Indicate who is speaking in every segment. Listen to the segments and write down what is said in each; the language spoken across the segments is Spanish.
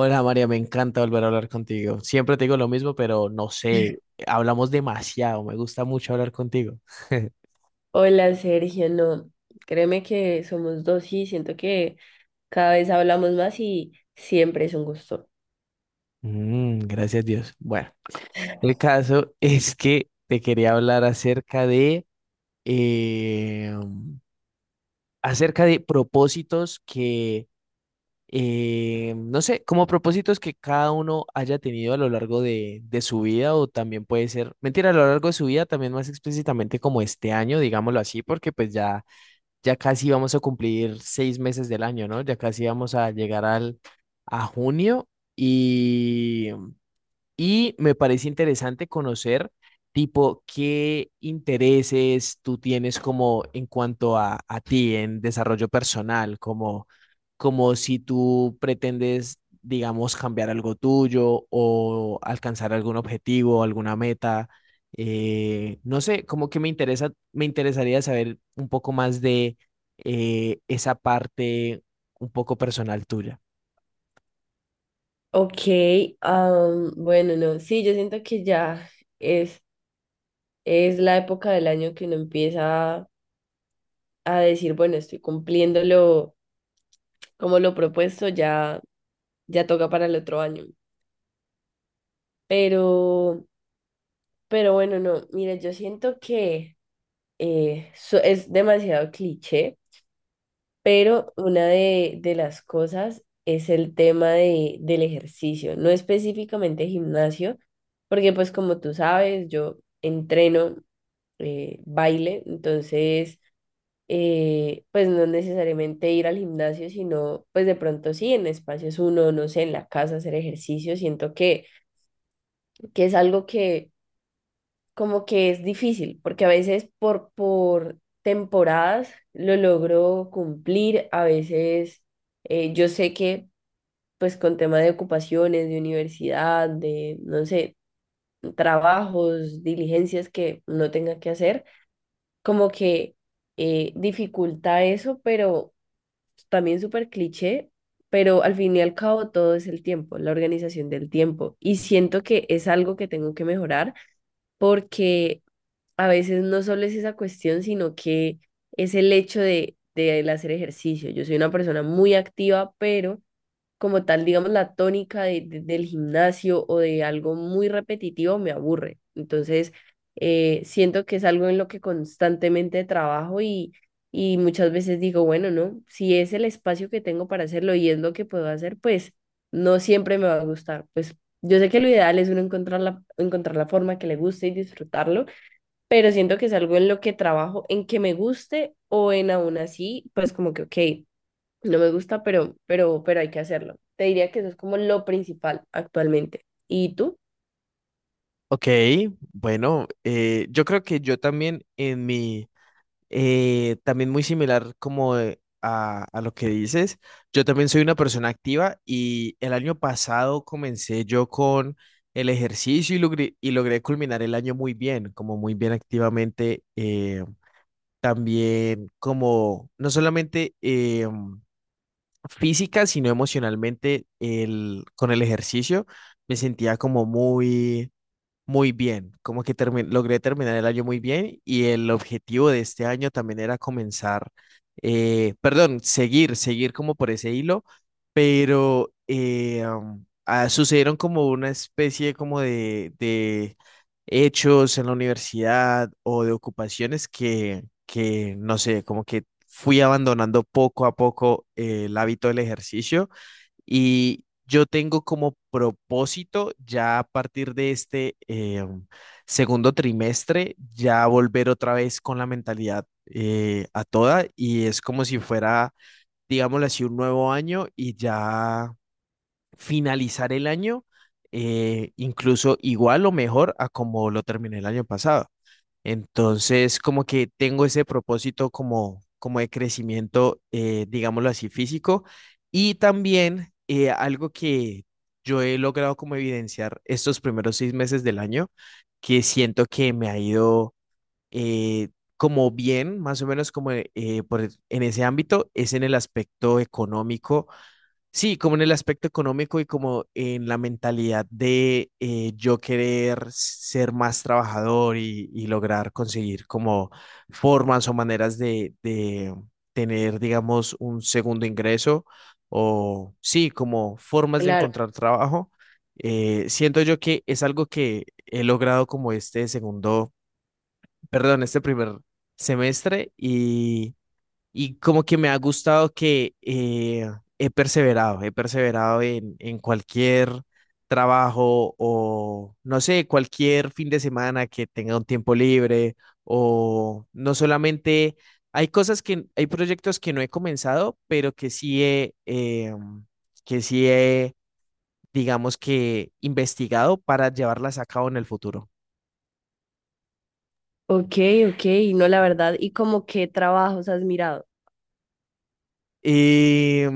Speaker 1: Hola María, me encanta volver a hablar contigo. Siempre te digo lo mismo, pero no sé, hablamos demasiado, me gusta mucho hablar contigo.
Speaker 2: Hola Sergio, no, créeme que somos dos y siento que cada vez hablamos más y siempre es un gusto.
Speaker 1: Gracias Dios. Bueno, el caso es que te quería hablar acerca de, eh, acerca de propósitos que, no sé, como propósitos que cada uno haya tenido a lo largo de su vida o también puede ser, mentira, a lo largo de su vida, también más explícitamente como este año, digámoslo así, porque pues ya... ya casi vamos a cumplir 6 meses del año, ¿no? Ya casi vamos a llegar a junio y, y me parece interesante conocer, tipo, qué intereses tú tienes como en cuanto a ti en desarrollo personal, como, como si tú pretendes, digamos, cambiar algo tuyo o alcanzar algún objetivo, alguna meta. No sé, como que me interesa, me interesaría saber un poco más de esa parte un poco personal tuya.
Speaker 2: Ok, bueno, no, sí, yo siento que ya es, es la época del año que uno empieza a decir, bueno, estoy cumpliendo lo, como lo propuesto, ya, ya toca para el otro año. Pero, pero bueno, no, mira, yo siento que es demasiado cliché. Pero una de las cosas es el tema del ejercicio, no específicamente gimnasio, porque pues como tú sabes, yo entreno baile. Entonces pues no necesariamente ir al gimnasio, sino pues de pronto sí en espacios uno, no sé, en la casa hacer ejercicio. Siento que es algo que como que es difícil, porque a veces por temporadas lo logro cumplir, a veces yo sé que pues con tema de ocupaciones, de universidad, de, no sé, trabajos, diligencias que no tenga que hacer, como que dificulta eso, pero también súper cliché. Pero al fin y al cabo todo es el tiempo, la organización del tiempo. Y siento que es algo que tengo que mejorar, porque a veces no solo es esa cuestión, sino que es el hecho de el hacer ejercicio. Yo soy una persona muy activa, pero como tal, digamos, la tónica del gimnasio o de algo muy repetitivo me aburre. Entonces, siento que es algo en lo que constantemente trabajo, y muchas veces digo, bueno, no, si es el espacio que tengo para hacerlo y es lo que puedo hacer, pues no siempre me va a gustar. Pues yo sé que lo ideal es uno encontrar la forma que le guste y disfrutarlo, pero siento que es algo en lo que trabajo, en que me guste o en aún así, pues como que, ok, no me gusta, pero hay que hacerlo. Te diría que eso es como lo principal actualmente. ¿Y tú?
Speaker 1: Ok, bueno, yo creo que yo también en mi, también muy similar como a lo que dices, yo también soy una persona activa y el año pasado comencé yo con el ejercicio y y logré culminar el año muy bien, como muy bien activamente, también como no solamente física, sino emocionalmente el, con el ejercicio, me sentía como muy muy bien, como que logré terminar el año muy bien y el objetivo de este año también era comenzar, perdón, seguir como por ese hilo, pero sucedieron como una especie como de hechos en la universidad o de ocupaciones que, no sé, como que fui abandonando poco a poco el hábito del ejercicio y yo tengo como propósito ya a partir de este segundo trimestre, ya volver otra vez con la mentalidad a toda y es como si fuera, digámoslo así, un nuevo año y ya finalizar el año incluso igual o mejor a como lo terminé el año pasado. Entonces, como que tengo ese propósito como, como de crecimiento, digámoslo así, físico. Y también algo que yo he logrado como evidenciar estos primeros 6 meses del año, que siento que me ha ido eh, como bien, más o menos como en ese ámbito, es en el aspecto económico. Sí, como en el aspecto económico y como en la mentalidad de yo querer ser más trabajador y lograr conseguir como formas o maneras de tener, digamos, un segundo ingreso o sí, como formas de
Speaker 2: Claro.
Speaker 1: encontrar trabajo. Siento yo que es algo que he logrado como este perdón, este primer semestre y como que me ha gustado que he perseverado en cualquier trabajo o, no sé, cualquier fin de semana que tenga un tiempo libre o no solamente, hay cosas que, hay proyectos que no he comenzado, pero que sí que sí he, digamos que investigado para llevarlas a cabo en el futuro.
Speaker 2: Ok, ok, no, la verdad. ¿Y como qué trabajos has mirado?
Speaker 1: Eh,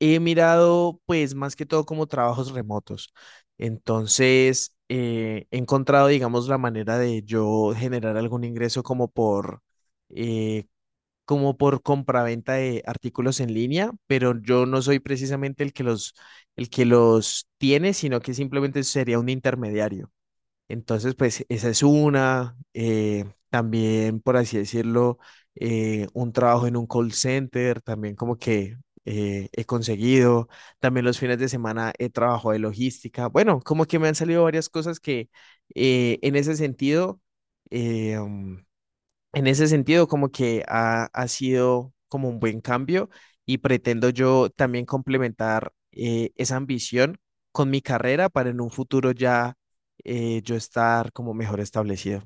Speaker 1: He mirado, pues, más que todo como trabajos remotos. Entonces, he encontrado, digamos, la manera de yo generar algún ingreso como eh, como por compraventa de artículos en línea, pero yo no soy precisamente el que los tiene, sino que simplemente sería un intermediario. Entonces, pues esa es una. También, por así decirlo, un trabajo en un call center, también como que he conseguido. También los fines de semana he trabajado de logística. Bueno, como que me han salido varias cosas que en ese sentido... eh, mm, en ese sentido, como que ha sido como un buen cambio y pretendo yo también complementar esa ambición con mi carrera para en un futuro ya yo estar como mejor establecido.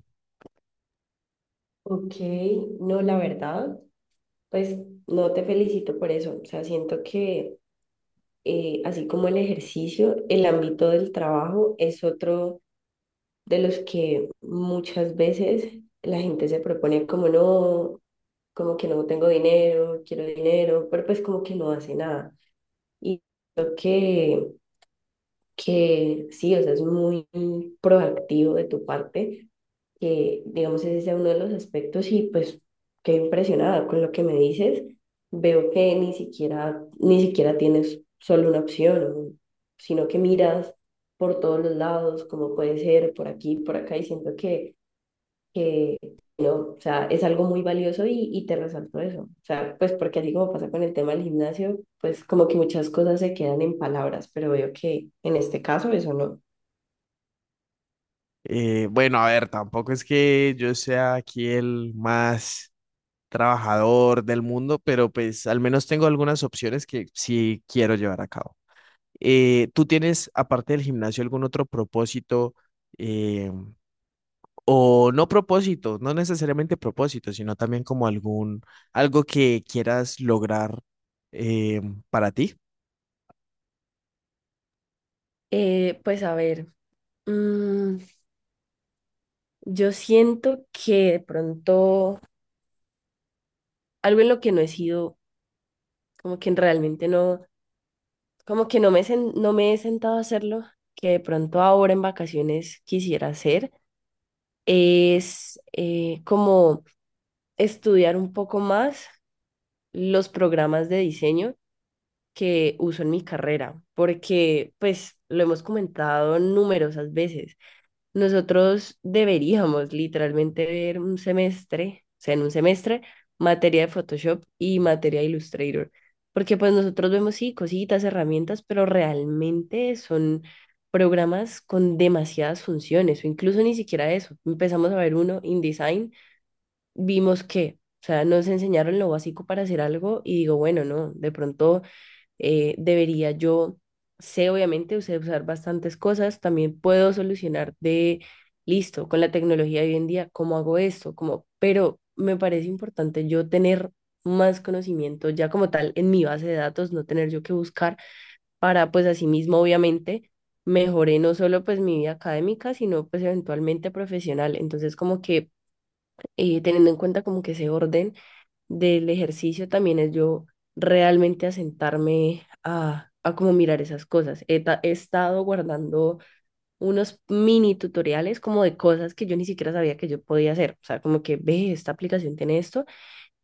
Speaker 2: Ok, no, la verdad, pues no, te felicito por eso. O sea, siento que así como el ejercicio, el ámbito del trabajo es otro de los que muchas veces la gente se propone como no, como que no tengo dinero, quiero dinero, pero pues como que no hace nada. Y creo que sí, o sea, es muy proactivo de tu parte, que digamos ese sea uno de los aspectos, y pues qué impresionada con lo que me dices. Veo que ni siquiera, ni siquiera tienes solo una opción, sino que miras por todos los lados, como puede ser, por aquí, por acá, y siento que no, o sea, es algo muy valioso, y te resalto eso. O sea, pues porque así como pasa con el tema del gimnasio, pues como que muchas cosas se quedan en palabras, pero veo que en este caso eso no.
Speaker 1: Bueno, a ver, tampoco es que yo sea aquí el más trabajador del mundo, pero pues al menos tengo algunas opciones que sí quiero llevar a cabo. ¿Tú tienes, aparte del gimnasio, algún otro propósito? eh, O no propósito, no necesariamente propósito, sino también como algún, algo que quieras lograr eh, para ti.
Speaker 2: Pues a ver, mm, yo siento que de pronto algo en lo que no he sido, como que realmente no, como que no no me he sentado a hacerlo, que de pronto ahora en vacaciones quisiera hacer, es como estudiar un poco más los programas de diseño que uso en mi carrera, porque pues lo hemos comentado numerosas veces. Nosotros deberíamos literalmente ver un semestre, o sea, en un semestre, materia de Photoshop y materia de Illustrator, porque pues nosotros vemos sí cositas, herramientas, pero realmente son programas con demasiadas funciones o incluso ni siquiera eso. Empezamos a ver uno InDesign, vimos que, o sea, nos enseñaron lo básico para hacer algo y digo, bueno, no, de pronto debería yo, sé obviamente, sé usar bastantes cosas, también puedo solucionar de, listo, con la tecnología de hoy en día, ¿cómo hago esto? ¿Cómo? Pero me parece importante yo tener más conocimiento ya como tal en mi base de datos, no tener yo que buscar para, pues, así mismo obviamente. Mejoré no solo pues mi vida académica, sino pues eventualmente profesional. Entonces como que teniendo en cuenta como que ese orden del ejercicio también es yo realmente asentarme a como mirar esas cosas. He estado guardando unos mini tutoriales como de cosas que yo ni siquiera sabía que yo podía hacer. O sea, como que ve, esta aplicación tiene esto,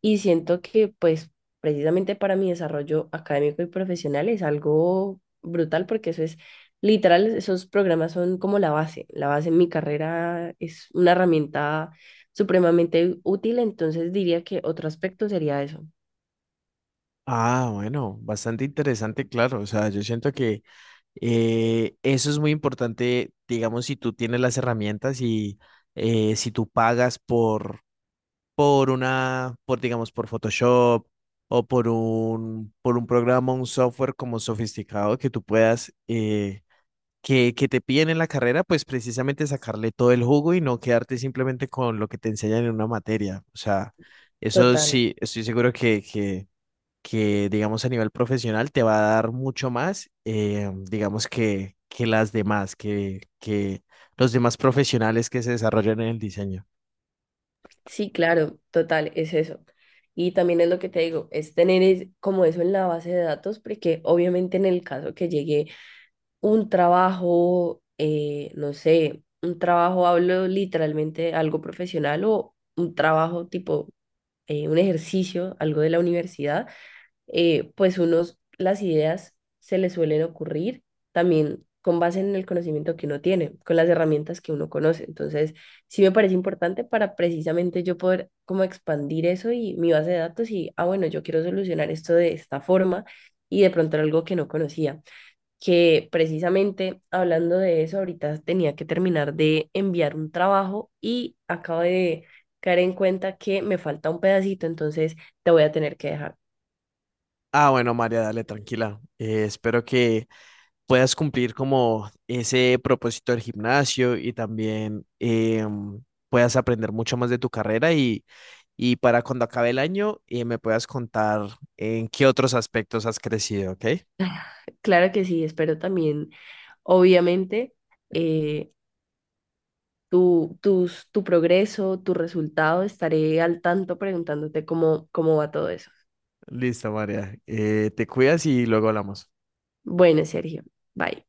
Speaker 2: y siento que, pues, precisamente para mi desarrollo académico y profesional es algo brutal, porque eso es literal, esos programas son como la base. La base en mi carrera es una herramienta supremamente útil, entonces diría que otro aspecto sería eso.
Speaker 1: Ah, bueno, bastante interesante, claro. O sea, yo siento que eso es muy importante, digamos, si tú tienes las herramientas y si tú pagas por una, por, digamos, por Photoshop o por un programa, un software como sofisticado que tú puedas que te piden en la carrera, pues precisamente sacarle todo el jugo y no quedarte simplemente con lo que te enseñan en una materia. O sea, eso
Speaker 2: Total.
Speaker 1: sí, estoy seguro que digamos, a nivel profesional te va a dar mucho más, digamos, que las demás, que los demás profesionales que se desarrollan en el diseño.
Speaker 2: Sí, claro, total, es eso. Y también es lo que te digo, es tener como eso en la base de datos, porque obviamente en el caso que llegue un trabajo, no sé, un trabajo, hablo literalmente de algo profesional o un trabajo tipo un ejercicio, algo de la universidad, pues unos, las ideas se les suelen ocurrir también con base en el conocimiento que uno tiene, con las herramientas que uno conoce. Entonces, sí me parece importante para precisamente yo poder como expandir eso y mi base de datos y, ah, bueno, yo quiero solucionar esto de esta forma, y de pronto era algo que no conocía, que precisamente hablando de eso, ahorita tenía que terminar de enviar un trabajo y acabo de caer en cuenta que me falta un pedacito, entonces te voy a tener que dejar.
Speaker 1: Ah, bueno, María, dale, tranquila. Espero que... puedas cumplir como ese propósito del gimnasio y también puedas aprender mucho más de tu carrera y para cuando acabe el año me puedas contar en qué otros aspectos has crecido, ¿ok?
Speaker 2: Claro que sí, espero también, obviamente, eh, tu progreso, tu resultado, estaré al tanto preguntándote cómo, cómo va todo eso.
Speaker 1: Listo, María. Te cuidas y luego hablamos.
Speaker 2: Bueno, Sergio, bye.